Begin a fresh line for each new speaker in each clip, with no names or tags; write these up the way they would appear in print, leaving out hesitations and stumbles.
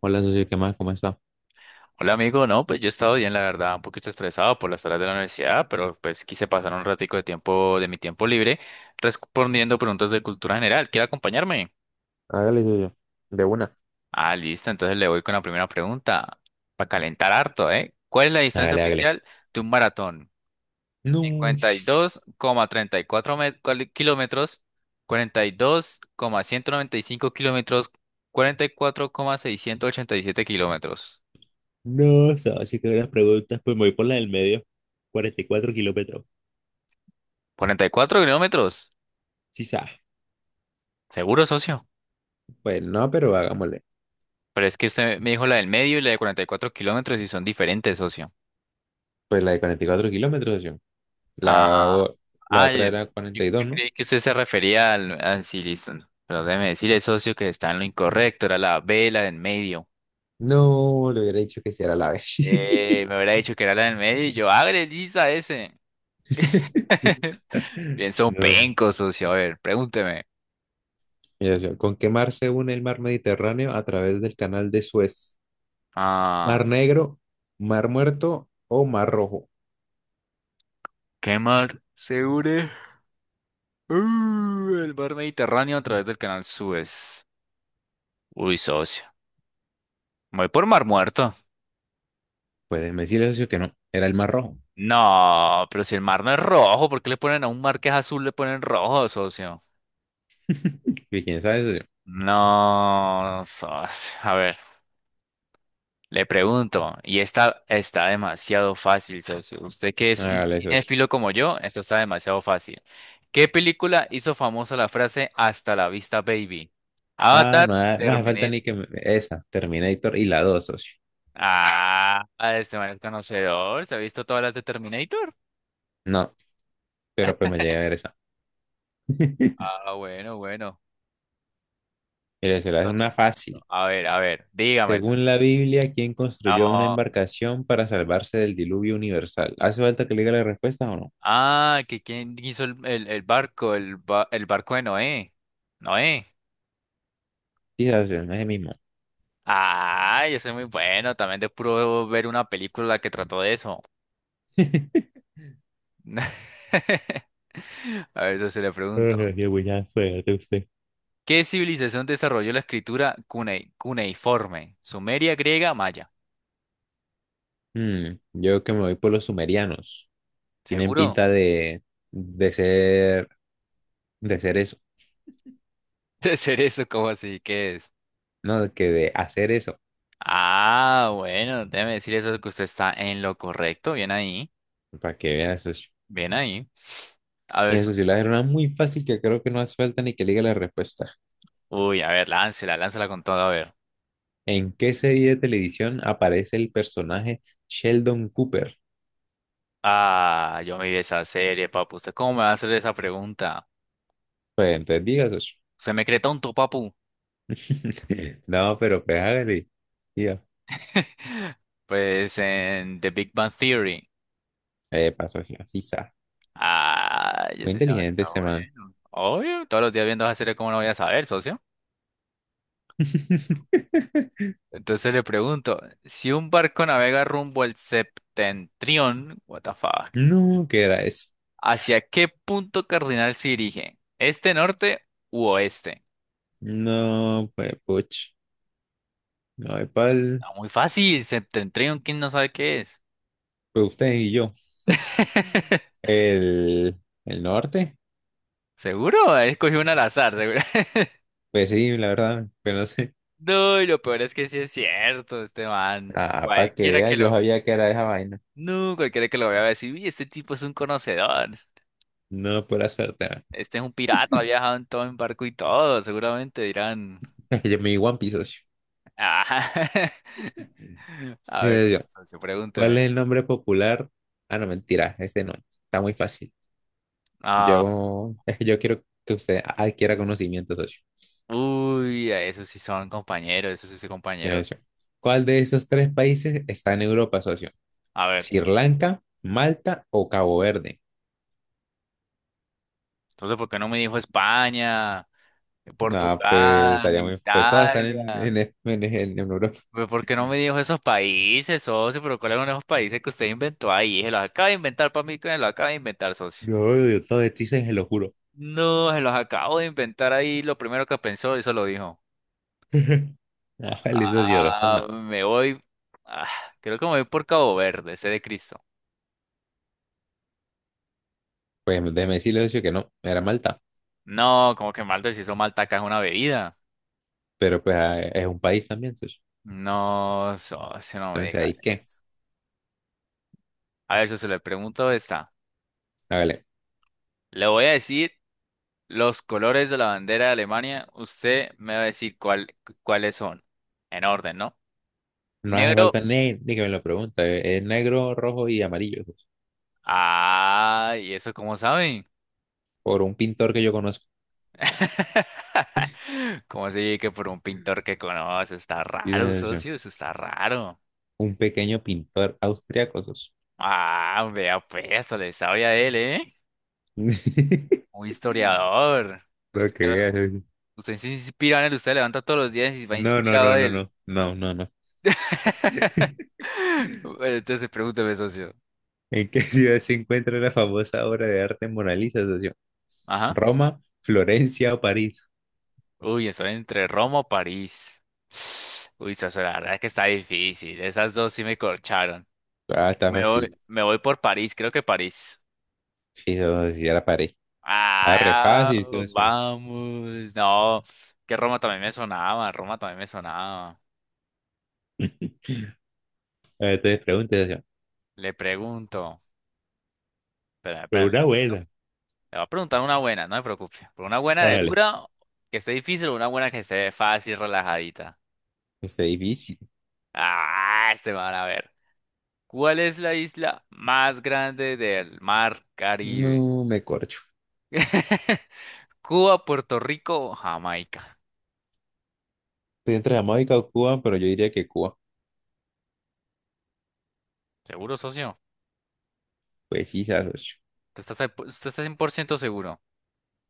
Hola, socio, ¿qué más? ¿Cómo está?
Hola amigo, no, pues yo he estado bien, la verdad, un poquito estresado por las tareas de la universidad, pero pues quise pasar un ratico de tiempo de mi tiempo libre respondiendo preguntas de cultura general. ¿Quiere acompañarme?
Hágale, de una.
Ah, listo, entonces le voy con la primera pregunta para calentar harto, ¿eh? ¿Cuál es la distancia
Hágale, hágale.
oficial de un maratón?
No,
52,34 kilómetros, cuarenta y dos coma ciento noventa y cinco kilómetros, cuarenta y cuatro coma seiscientos ochenta y siete kilómetros.
no, socio, que las preguntas. Pues me voy por la del medio. 44 kilómetros.
¿44 kilómetros?
Sí, sa.
¿Seguro, socio?
Pues no, pero hagámosle.
Pero es que usted me dijo la del medio y la de 44 kilómetros y son diferentes, socio.
Pues la de 44 kilómetros, socio. La,
Ah,
o- la
ah,
otra
yo,
era
yo-
cuarenta y
yo
dos, ¿no?
creí que usted se refería al. Ah, sí, listo. No, Pero déjeme decirle, socio, que está en lo incorrecto. Era la B, la del medio.
No, le hubiera dicho que si era la vez.
Me hubiera dicho que era la del medio y yo, ¡agre, lisa ese! Pienso un
No.
penco, socio. A ver, pregúnteme.
Mira, socio, ¿con qué mar se une el mar Mediterráneo a través del canal de Suez?
Ah,
¿Mar Negro, Mar Muerto o Mar Rojo?
¿qué mar se une? El mar Mediterráneo a través del canal Suez. Uy, socio. Me voy por Mar Muerto.
Pues me decirle, socio, que no. Era el Mar rojo.
No, pero si el mar no es rojo, ¿por qué le ponen a un mar que es azul, le ponen rojo, socio?
Y quién sabe, socio.
No, socio. A ver, le pregunto, y esta está demasiado fácil, socio. Usted que es un
Hágale, socio.
cinéfilo como yo, esta está demasiado fácil. ¿Qué película hizo famosa la frase "Hasta la vista, baby"?
Ah,
Avatar,
no, no hace falta
Terminator.
ni que esa, Terminator y la dos, socio.
Ah, este man es conocedor, se ha visto todas las de Terminator.
No, pero pues me llega a ver esa.
Ah, bueno, bueno.
Mire, se la es una
Entonces, socio,
fácil.
a ver, dígamela.
Según la Biblia, ¿quién construyó una
No.
embarcación para salvarse del diluvio universal? ¿Hace falta que le diga la respuesta o no?
Ah, que quién hizo el barco, el barco de Noé. Noé.
Quizás, socio, no es el mismo.
Ah, yo soy muy bueno, también de puro ver una película que trató de eso. A ver, eso se le pregunto.
Ay, qué buena suerte usted.
¿Qué civilización desarrolló la escritura cuneiforme? ¿Sumeria, griega, maya?
Yo que me voy por los sumerianos. Tienen
¿Seguro?
pinta de ser, eso.
De ser eso, ¿cómo así? ¿Qué es?
No, que de hacer eso.
Ah, bueno, déjeme decir eso que usted está en lo correcto. Bien ahí,
Para que veas eso.
bien ahí. A ver,
Mira, eso sí,
socio.
la era una muy fácil que creo que no hace falta ni que le diga la respuesta.
Uy, a ver, láncela, láncela con todo, a ver.
¿En qué serie de televisión aparece el personaje Sheldon Cooper?
Ah, yo me vi esa serie, papu. ¿Usted cómo me va a hacer esa pregunta?
Pues entonces digas eso.
Se me cree tonto, papu.
No, pero pues hágale. Tío,
Pues en The Big Bang Theory.
pasó así, así está.
Ah, yo
Muy
sé
inteligente
demasiado
este man.
bueno. Obvio, todos los días viendo esa serie, ¿cómo no voy a saber, socio? Entonces le pregunto, si un barco navega rumbo al septentrión, what the fuck,
No, ¿qué era eso?
¿hacia qué punto cardinal se dirige? ¿Este, norte u oeste?
No, pues, puch. No, hay pal.
Está muy fácil, septentrión, ¿quién no sabe qué es?
Pues usted y yo. El, el norte.
¿Seguro? Escogí una al azar, seguro.
Pues sí, la verdad, pero no sé.
No, y lo peor es que sí es cierto, este man.
Ah, para que
Cualquiera
vea,
que
yo
lo.
sabía que era esa vaina.
No, cualquiera que lo vea va a decir, uy, este tipo es un conocedor.
No, pura suerte.
Este es un pirata, ha viajado en todo en barco y todo. Seguramente dirán.
Yo me di One Piece, socio.
"Ah". A ver,
Dice yo,
socio,
¿cuál
pregúnteme.
es el nombre popular? Ah, no, mentira, este no. Está muy fácil.
Ah,
Yo, yo quiero que usted adquiera conocimiento, socio.
uy, esos sí son compañeros, esos sí son compañeros.
Dice yo, ¿cuál de esos tres países está en Europa, socio?
A ver,
¿Sri Lanka, Malta o Cabo Verde?
entonces, ¿por qué no me dijo España,
No, pues
Portugal,
estaría muy. Pues todas están en,
Italia?
en, en, en- en Europa.
Pero ¿por qué no me dijo esos países, socio? ¿Pero cuáles son esos países que usted inventó ahí? Se los acaba de inventar para mí, que me los acaba de inventar, socio.
No, Dios, todo de ti se lo juro.
No, se los acabo de inventar ahí. Lo primero que pensó, eso lo dijo.
Ajá, listo, socio,
Ah,
responda.
me voy. Ah, creo que me voy por Cabo Verde, ese de Cristo.
Pues déjeme decirle, socio, que no, era Malta.
No, como que Malta, si eso Malta acá es una bebida.
Pero pues es un país también, socio.
No, socio, no me
Entonces,
diga.
¿ahí qué?
A ver, socio, le pregunto esta.
Hágale.
Le voy a decir los colores de la bandera de Alemania. Usted me va a decir cuáles son. En orden, ¿no?
No hace
Negro.
falta ni que me lo pregunte. Es negro, rojo y amarillo. Sos.
Ah, ¿y eso cómo saben?
Por un pintor que yo conozco.
¿Cómo así que por un pintor que conoce? Está raro,
Dice yo,
socio, eso está raro.
un pequeño pintor austriaco. Sos.
Ah, vea pues, le sabe a él, ¿eh? Un historiador.
Lo
Usted,
que veas, oye.
usted se inspira en él, usted levanta todos los días y va
No, no,
inspirado
no,
a
no,
él.
no. No, no, no.
Bueno, entonces pregúntame, socio.
¿En qué ciudad se encuentra la famosa obra de arte Mona Lisa, socio?
Ajá.
¿Roma, Florencia o París?
Uy, estoy entre Roma o París. Uy, socio, la verdad es que está difícil. Esas dos sí me corcharon.
Ah, está fácil.
Me voy por París, creo que París.
Sí, socio, sí, era París. Está re
Ah,
fácil, socio.
vamos. No, que Roma también me sonaba, Roma también me sonaba.
Entonces pregunte, socio.
Le pregunto. Espera,
Pero
espérame.
una buena.
Le voy a preguntar una buena, no me preocupe. Por una buena de
Hágale.
dura, que esté difícil, o una buena que esté fácil, relajadita.
Está difícil.
Ah, este van a ver. ¿Cuál es la isla más grande del mar Caribe?
No me corcho.
Cuba, Puerto Rico o Jamaica.
Estoy entre Jamaica o Cuba, pero yo diría que Cuba.
¿Seguro, socio?
Pues sí, se asoció.
¿Tú estás, usted está 100% seguro?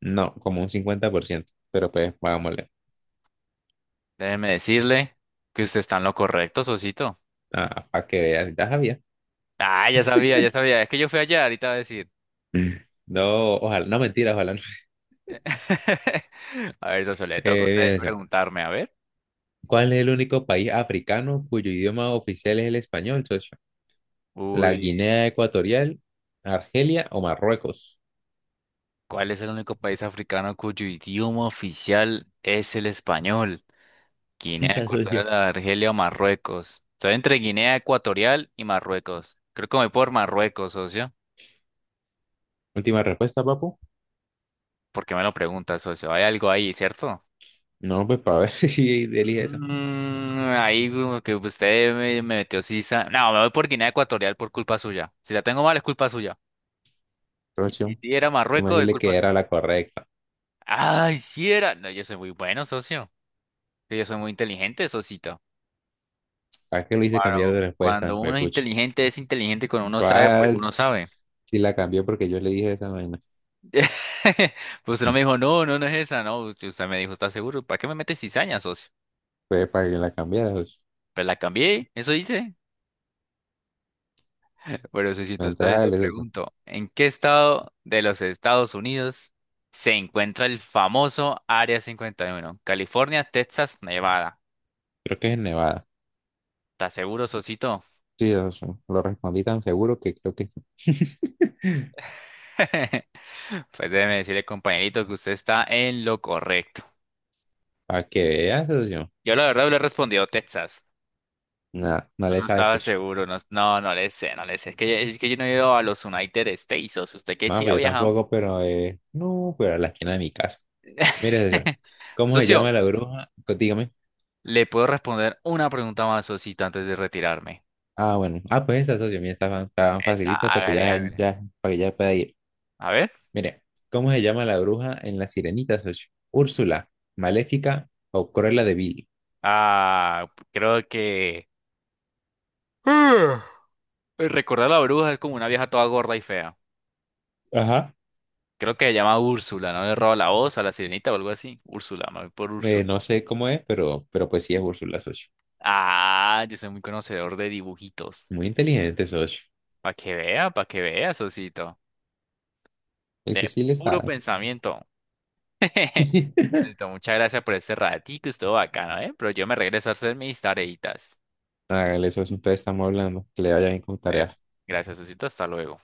No, como un 50%. Pero pues, vámonos.
Déjeme decirle que usted está en lo correcto, Sosito.
Ah, para que veas, ya sabía.
Ah, ya sabía, ya sabía. Es que yo fui allá ahorita va a decir.
No, ojalá, no mentira, ojalá. No.
A ver, Soso, le toca a usted
Mira, socio,
preguntarme, a ver.
¿cuál es el único país africano cuyo idioma oficial es el español, socio? ¿La
Uy,
Guinea Ecuatorial, Argelia o Marruecos?
¿cuál es el único país africano cuyo idioma oficial es el español?
Sí,
Guinea
se asoció.
Ecuatorial, Argelia o Marruecos. Estoy entre Guinea Ecuatorial y Marruecos. Creo que me voy por Marruecos, socio.
Última respuesta, papu.
¿Por qué me lo pregunta, socio? Hay algo ahí, ¿cierto?
No, pues para ver si elige esa.
Ahí como que usted me metió sisa. No, me voy por Guinea Ecuatorial por culpa suya. Si la tengo mal es culpa suya. Y si
Socio,
sí era
déjame
Marruecos es
decirle que
culpa
era
suya.
la correcta.
Ay, si era. No, yo soy muy bueno, socio. Sí, yo soy muy inteligente, socito.
¿Para qué lo hice cambiar de
Cuando,
respuesta?
cuando uno
Pues,
es inteligente, es inteligente. Cuando uno sabe, pues
¿cuál?
uno sabe.
Si la cambió porque yo le dije esa vaina.
Pues usted no
Mm.
me dijo, no, no, no es esa. No, usted me dijo, ¿estás seguro? ¿Para qué me metes cizaña, socio?
Fue para que la cambiara. Pues.
Pues la cambié, eso dice. Pero Sosito,
Entonces
entonces te
hágale eso.
pregunto, ¿en qué estado de los Estados Unidos se encuentra el famoso Área 51? California, Texas, Nevada.
Creo que es en Nevada.
¿Estás seguro, Sosito?
Sí, socio. Lo respondí tan seguro que creo que
Pues déjeme decirle, compañerito, que usted está en lo correcto.
para que veas, socio.
Yo la verdad le he respondido Texas,
Nada, no le
no
sabe,
estaba
socio.
seguro, no, no, no le sé, no le sé. Es que, es que yo no he ido a los United States, o sea, usted que
No,
sí ha
pues yo
viajado.
tampoco, pero no, pero a la esquina de mi casa. Mire, socio. ¿Cómo se llama
Socio,
la bruja? Pues, dígame.
le puedo responder una pregunta más, Sosito, antes de retirarme.
Ah, bueno. Ah, pues esa, socio. Mira, está tan
Esa,
facilita para que
hágale,
ya,
hágale.
ya, para que ya pueda ir.
A ver.
Mire, ¿cómo se llama la bruja en la sirenita, socio? ¿Úrsula, Maléfica o Cruella de Vil?
Ah, creo que. Ah, recordar a la bruja es como una vieja toda gorda y fea.
Ajá.
Creo que se llama Úrsula, ¿no? Le roba la voz a la sirenita o algo así. Úrsula, me voy por Úrsula.
No sé cómo es, pero, pues sí es Úrsula, socio.
Ah, yo soy muy conocedor de dibujitos.
Muy inteligente, socio.
Para que vea, socito.
El
De
que sí le
puro
sabe.
pensamiento. Listo, muchas gracias por este ratito, estuvo bacano, ¿eh? Pero yo me regreso a hacer mis tareitas.
Hágale, socio, entonces estamos hablando. Que le vayan a
Eh,
encontrar
gracias, socito, hasta luego.